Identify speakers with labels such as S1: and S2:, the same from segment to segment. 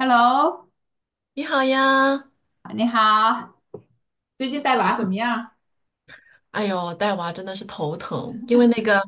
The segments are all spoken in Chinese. S1: Hello，
S2: 你好呀。
S1: 你好，最近带娃怎么样？
S2: 哎呦，带娃真的是头疼，因为那个，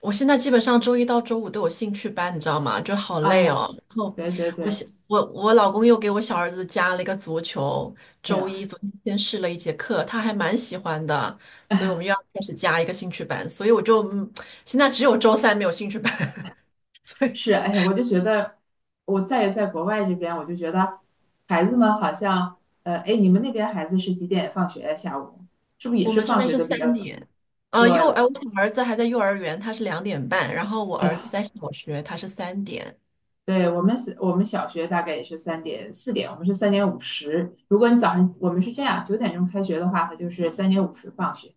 S2: 我现在基本上周一到周五都有兴趣班，你知道吗？就好
S1: 哎
S2: 累
S1: 呀，
S2: 哦。然后
S1: 对对
S2: 我
S1: 对，
S2: 小我我老公又给我小儿子加了一个足球。
S1: 哎
S2: 周一
S1: 呀，
S2: 昨天先试了一节课，他还蛮喜欢的，所以我们又要开始加一个兴趣班，所以我就现在只有周三没有兴趣班。所以
S1: 是，哎呀，我就觉得我在国外这边，我就觉得孩子们好像，哎，你们那边孩子是几点放学呀？下午是不是也
S2: 我
S1: 是
S2: 们这
S1: 放
S2: 边
S1: 学
S2: 是
S1: 的比较
S2: 三
S1: 早？
S2: 点。
S1: 对，
S2: 我小儿子还在幼儿园，他是2点半，然后我
S1: 哎
S2: 儿子
S1: 呀，
S2: 在小学，他是三点。
S1: 对我们是，我们小学大概也是3点4点，我们是三点五十。如果你早上我们是这样，9点钟开学的话，它就是三点五十放学；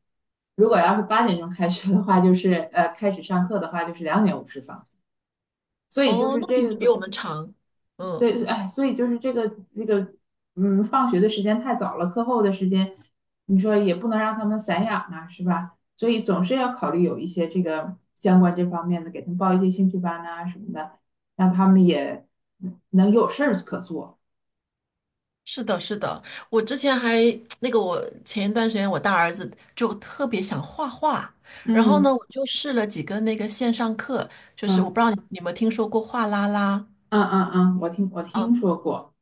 S1: 如果要是8点钟开学的话，就是开始上课的话，就是2:50放。所以就
S2: 哦，
S1: 是
S2: 那你们
S1: 这
S2: 比我
S1: 个，
S2: 们长。嗯，
S1: 对，哎，所以就是这个，嗯，放学的时间太早了，课后的时间，你说也不能让他们散养啊，是吧？所以总是要考虑有一些这个相关这方面的，给他们报一些兴趣班啊什么的，让他们也能有事儿可做。
S2: 是的，是的。我之前还 我前一段时间我大儿子就特别想画画。然后呢，
S1: 嗯
S2: 我就试了几个那个线上课，就是我不
S1: 嗯
S2: 知道你有没有听说过画啦啦。
S1: 嗯嗯嗯，我听说过，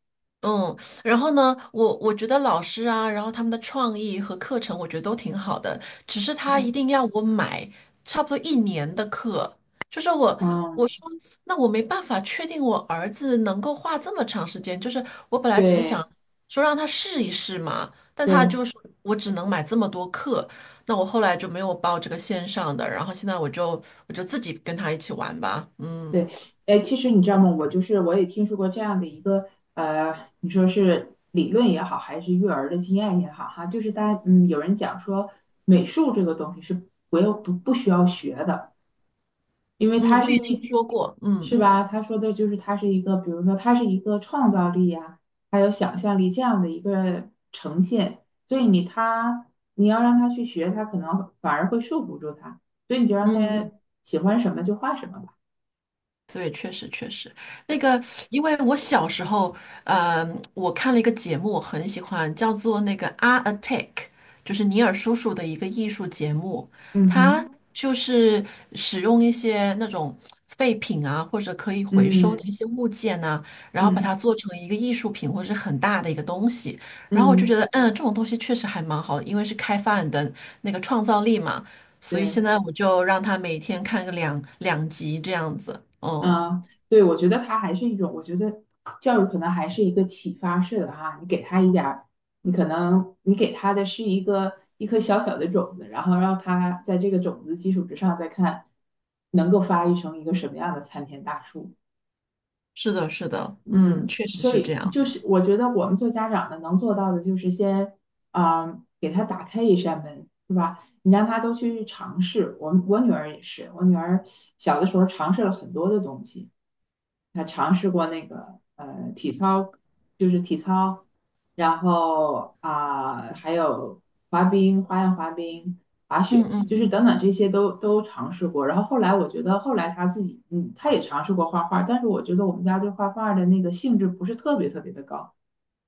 S2: 嗯。然后呢，我觉得老师啊，然后他们的创意和课程，我觉得都挺好的。只是他一定要我买差不多一年的课。就是我
S1: 嗯，
S2: 我说那我没办法确定我儿子能够画这么长时间，就是我本来只是
S1: 对
S2: 想说让他试一试嘛，但他
S1: 对，
S2: 就是我只能买这么多课。那我后来就没有报这个线上的，然后现在我就我就自己跟他一起玩吧。嗯
S1: 对，哎，其实你知道吗？我就是我也听说过这样的一个呃，你说是理论也好，还是育儿的经验也好，哈，就是大家有人讲说美术这个东西是不需要学的，因为
S2: 嗯，
S1: 它
S2: 我
S1: 是
S2: 也听
S1: 一
S2: 说过，
S1: 是
S2: 嗯。
S1: 吧？他说的就是它是一个，比如说它是一个创造力呀、还有想象力这样的一个呈现，所以你要让他去学，他可能反而会束缚住他，所以你就让他
S2: 嗯。
S1: 喜欢什么就画什么吧。
S2: 对，确实确实。那个，因为我小时候，嗯，我看了一个节目，我很喜欢，叫做那个《Art Attack》,就是尼尔叔叔的一个艺术节目。
S1: 嗯
S2: 他
S1: 哼。
S2: 就是使用一些那种废品啊，或者可以回收的一
S1: 嗯，
S2: 些物件呐、然后把它
S1: 嗯
S2: 做成一个艺术品或者是很大的一个东西。然后我就觉
S1: 嗯，
S2: 得，嗯，这种东西确实还蛮好的，因为是开发你的那个创造力嘛。所以现
S1: 对，
S2: 在我就让他每天看个两集这样子。嗯。
S1: 嗯，对，我觉得它还是一种，我觉得教育可能还是一个启发式的哈，你给他一点儿，你可能你给他的是一颗小小的种子，然后让他在这个种子基础之上再看能够发育成一个什么样的参天大树。
S2: 是的，是的，嗯，
S1: 嗯，
S2: 确实
S1: 所
S2: 是这
S1: 以
S2: 样
S1: 就
S2: 子。
S1: 是我觉得我们做家长的能做到的，就是先啊、给他打开一扇门，是吧？你让他都去尝试。我女儿也是，我女儿小的时候尝试了很多的东西，她尝试过那个体操，就是体操，然后啊、还有滑冰，花样滑冰，滑
S2: 嗯
S1: 雪，就
S2: 嗯，
S1: 是等等这些都尝试过。然后后来我觉得，后来他自己，他也尝试过画画，但是我觉得我们家对画画的那个兴致不是特别特别的高。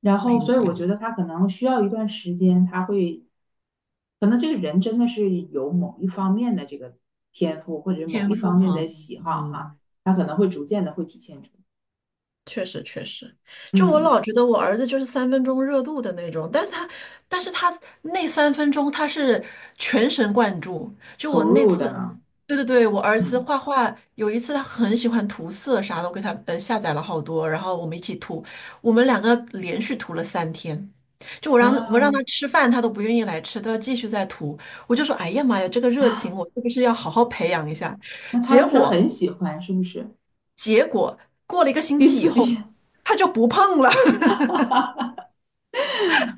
S1: 然
S2: 嗯，
S1: 后，
S2: 明
S1: 所以我
S2: 白。
S1: 觉得他可能需要一段时间，他会，可能这个人真的是有某一方面的这个天赋，或者是某
S2: 天
S1: 一
S2: 赋
S1: 方面的
S2: 哈，
S1: 喜好
S2: 嗯。
S1: 哈，他可能会逐渐的会体现出，
S2: 确实确实。就我
S1: 嗯，
S2: 老觉得我儿子就是三分钟热度的那种，但是他，但是他那三分钟他是全神贯注。就我
S1: 投
S2: 那
S1: 入
S2: 次，
S1: 的呢，
S2: 对对对，我儿子
S1: 嗯
S2: 画画，有一次他很喜欢涂色啥的，我给他下载了好多，然后我们一起涂。我们两个连续涂了3天。就我让
S1: 啊，
S2: 他吃饭，他都不愿意来吃，都要继续再涂。我就说，哎呀妈呀，这个热情我是不是要好好培养一下？
S1: 那他
S2: 结
S1: 就是
S2: 果
S1: 很喜欢，是不是？
S2: 结果过了一个星
S1: 第
S2: 期以
S1: 四
S2: 后，
S1: 点，
S2: 他就不碰了。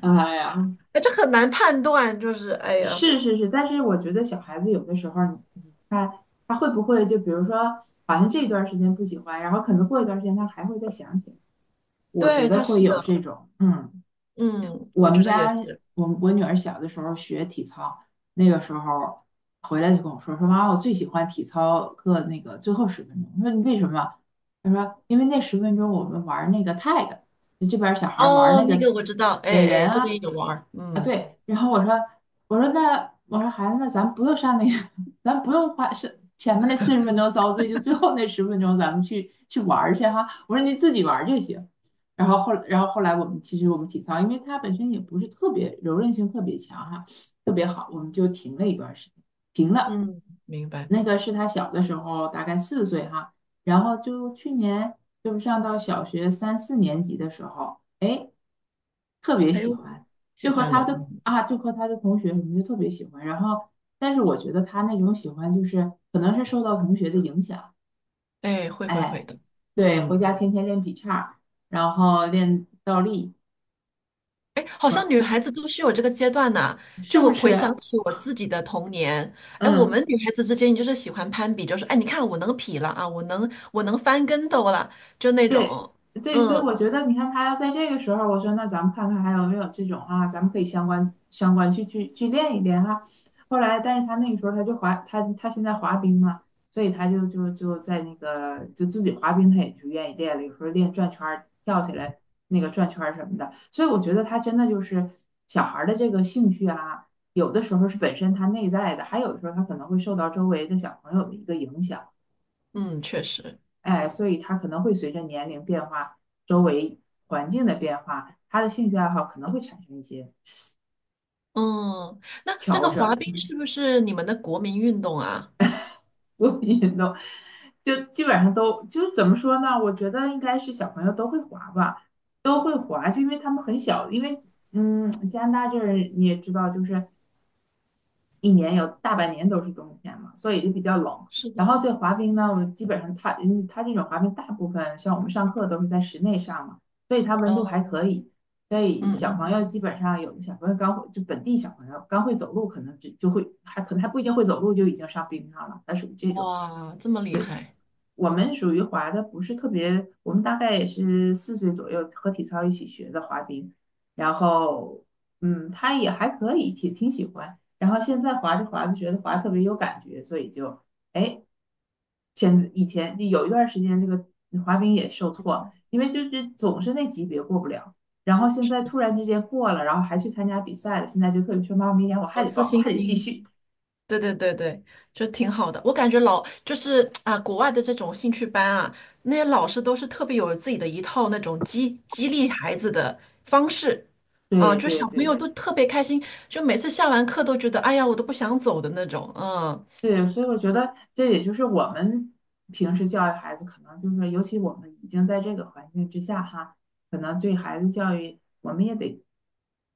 S1: 哎呀。
S2: 这很难判断。就是哎呀，
S1: 是是是，但是我觉得小孩子有的时候儿，你看他会不会就比如说，好像这段儿时间不喜欢，然后可能过一段儿时间他还会再想起来，我觉
S2: 对，
S1: 得
S2: 他
S1: 会
S2: 是
S1: 有这
S2: 的。
S1: 种，嗯。
S2: 嗯，
S1: 我
S2: 我
S1: 们
S2: 觉得也
S1: 家
S2: 是。
S1: 我女儿小的时候学体操，那个时候回来就跟我说妈，我最喜欢体操课那个最后十分钟。我说你为什么？他说因为那十分钟我们玩那个 tag，就这边小孩玩
S2: 哦，
S1: 那
S2: 那
S1: 个
S2: 个我知道。哎
S1: 逮人
S2: 哎，这个也
S1: 啊
S2: 有玩儿。
S1: 啊
S2: 嗯
S1: 对。然后我说孩子那咱不用上那个，咱不用花前面那40分钟遭罪，就最后那十分钟咱们去玩儿去哈。我说你自己玩儿就行。然后后来我们其实我们体操，因为它本身也不是特别柔韧性特别强哈，特别好，我们就停了一段时间，停了。
S2: 嗯，明白。
S1: 那个是他小的时候，大概四岁哈，然后就去年就是上到小学三四年级的时候，哎，特别
S2: 还
S1: 喜
S2: 有
S1: 欢，
S2: 喜欢了。
S1: 就和他的同学什么就特别喜欢。然后，但是我觉得他那种喜欢就是可能是受到同学的影响，
S2: 哎，会会会
S1: 哎，
S2: 的。
S1: 对，回
S2: 嗯。
S1: 家天天练劈叉然后练倒立。
S2: 哎，好像女孩子都是有这个阶段呐、
S1: 是
S2: 就
S1: 不
S2: 我回想
S1: 是？
S2: 起我自己的童年，哎，我们
S1: 嗯
S2: 女孩子之间就是喜欢攀比，就是哎，你看我能劈了啊，我能翻跟斗了，就那
S1: 对
S2: 种。
S1: 对，所以
S2: 嗯
S1: 我觉得，你看他要在这个时候，我说那咱们看看还有没有这种啊，咱们可以相关去练一练哈。后来，但是他那个时候他现在滑冰嘛，所以他就在那个就自己滑冰，他也就愿意练了，有时候练转圈儿、跳起来那个转圈儿什么的。所以我觉得他真的就是小孩儿的这个兴趣啊，有的时候是本身他内在的，还有的时候他可能会受到周围的小朋友的一个影响。
S2: 嗯，确实。
S1: 哎，所以他可能会随着年龄变化、周围环境的变化，他的兴趣爱好可能会产生一些
S2: 嗯，那这
S1: 调
S2: 个滑
S1: 整，
S2: 冰是不是你们的国民运动啊？
S1: 所以都就基本上都就怎么说呢？我觉得应该是小朋友都会滑吧，都会滑，就因为他们很小，因为加拿大这儿你也知道，就是一年有大半年都是冬天嘛，所以就比较冷。
S2: 是
S1: 然后
S2: 的。
S1: 这滑冰呢，我基本上它这种滑冰大部分像我们上课都是在室内上嘛，所以它温度还
S2: 哦。
S1: 可以。所以
S2: 嗯
S1: 小朋
S2: 嗯，
S1: 友基本上有的小朋友刚会，就本地小朋友刚会走路，可能就会还可能还不一定会走路就已经上冰上了，它属于这种。
S2: 哇，这么厉害。
S1: 我们属于滑的不是特别，我们大概也是四岁左右和体操一起学的滑冰，然后他也还可以，挺喜欢。然后现在滑着滑着觉得滑特别有感觉，所以就哎，以前有一段时间这个滑冰也受挫，因为就是总是那级别过不了。然后现在突然之间过了，然后还去参加比赛了，现在就特别说妈妈，明年我还
S2: 哦，
S1: 得
S2: 自
S1: 报，我
S2: 信
S1: 还得继
S2: 心。
S1: 续。
S2: 对对对对，就挺好的。我感觉老就是啊，国外的这种兴趣班啊，那些老师都是特别有自己的一套那种激励孩子的方式啊，
S1: 对
S2: 就
S1: 对
S2: 小朋友
S1: 对。
S2: 都特别开心，就每次下完课都觉得哎呀，我都不想走的那种。嗯。
S1: 对，所以我觉得这也就是我们平时教育孩子，可能就是说，尤其我们已经在这个环境之下哈，可能对孩子教育，我们也得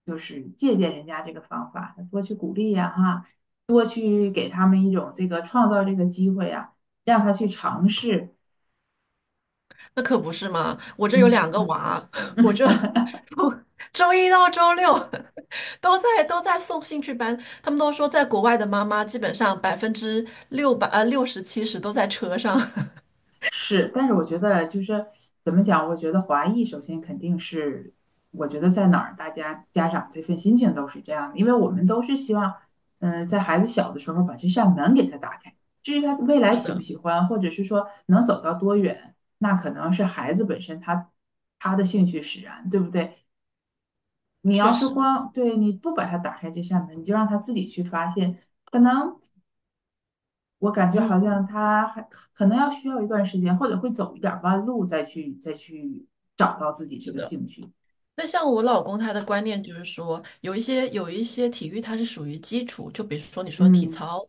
S1: 就是借鉴人家这个方法，多去鼓励呀哈，多去给他们一种这个创造这个机会呀，让他去尝试，
S2: 那可不是嘛！我这有两个
S1: 嗯。
S2: 娃，我就从周一到周六都在送兴趣班。他们都说，在国外的妈妈基本上百分之六十七十都在车上。
S1: 是，但是我觉得就是怎么讲？我觉得华裔首先肯定是，我觉得在哪儿，大家家长这份心情都是这样的，因为我们都是希望，在孩子小的时候把这扇门给他打开，至于他未 来
S2: 是
S1: 喜不
S2: 的，
S1: 喜欢，或者是说能走到多远，那可能是孩子本身他的兴趣使然，对不对？你
S2: 确
S1: 要是
S2: 实，
S1: 光对你不把他打开这扇门，你就让他自己去发现，可能。我感觉
S2: 嗯，
S1: 好像他还可能需要一段时间，或者会走一点弯路，再去找到自己这
S2: 是
S1: 个
S2: 的。
S1: 兴趣。
S2: 那像我老公他的观念就是说，有一些体育它是属于基础，就比如说你说体
S1: 嗯
S2: 操，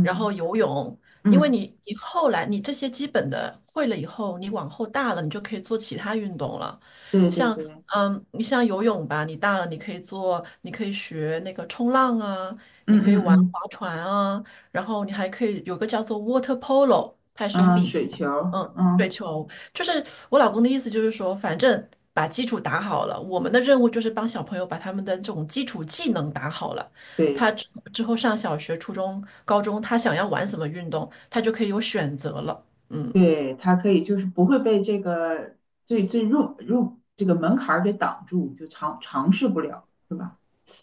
S2: 然后游泳。因为
S1: 嗯，
S2: 你后来你这些基本的会了以后，你往后大了你就可以做其他运动了。
S1: 对对
S2: 像
S1: 对，
S2: 嗯，你像游泳吧，你大了你可以做，你可以学那个冲浪啊，
S1: 嗯
S2: 你可以
S1: 嗯
S2: 玩
S1: 嗯
S2: 划船啊，然后你还可以有个叫做 water polo,它也是种
S1: 嗯，
S2: 比赛，
S1: 水球
S2: 嗯，
S1: 嗯，
S2: 水球。就是我老公的意思，就是说，反正把基础打好了，我们的任务就是帮小朋友把他们的这种基础技能打好了。
S1: 对
S2: 他之之后上小学、初中、高中，他想要玩什么运动，他就可以有选择了。嗯
S1: 对，他可以就是不会被这个最入这个门槛儿给挡住，就尝试不了，是吧？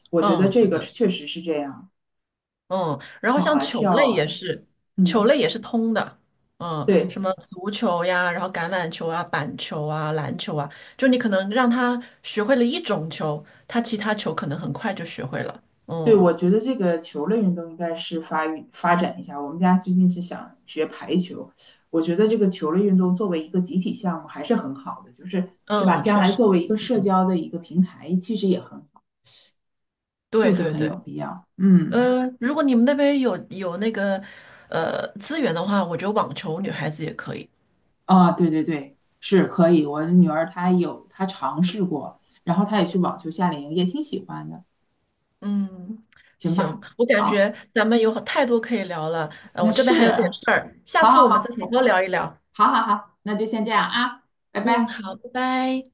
S1: 我觉得
S2: 嗯
S1: 这
S2: 对
S1: 个是
S2: 的。
S1: 确实是这样，
S2: 嗯，然后
S1: 跑
S2: 像
S1: 啊
S2: 球
S1: 跳
S2: 类
S1: 啊
S2: 也
S1: 的，
S2: 是，球
S1: 嗯，
S2: 类也是通的。嗯，什
S1: 对。
S2: 么足球呀，然后橄榄球啊、板球啊、篮球啊，就你可能让他学会了一种球，他其他球可能很快就学会了。
S1: 对，我
S2: 嗯
S1: 觉得这个球类运动应该是发育发展一下。我们家最近是想学排球，我觉得这个球类运动作为一个集体项目还是很好的，是吧？
S2: 嗯，
S1: 将
S2: 确
S1: 来
S2: 实。
S1: 作为一个社交的一个平台，其实也很好，就
S2: 对
S1: 是
S2: 对
S1: 很
S2: 对，
S1: 有必要。嗯，
S2: 呃，如果你们那边有那个资源的话，我觉得网球女孩子也可以。
S1: 啊，对对对，是可以。我的女儿她尝试过，然后她也去网球夏令营，也挺喜欢的。
S2: 嗯，
S1: 行
S2: 行，
S1: 吧，
S2: 我感觉
S1: 好，
S2: 咱们有太多可以聊了，呃，
S1: 那
S2: 我这边还
S1: 是，
S2: 有点事儿，下
S1: 好
S2: 次
S1: 好
S2: 我们再
S1: 好，
S2: 好好聊一聊。
S1: 好好好，那就先这样啊，拜
S2: 嗯，
S1: 拜。
S2: 好，拜拜。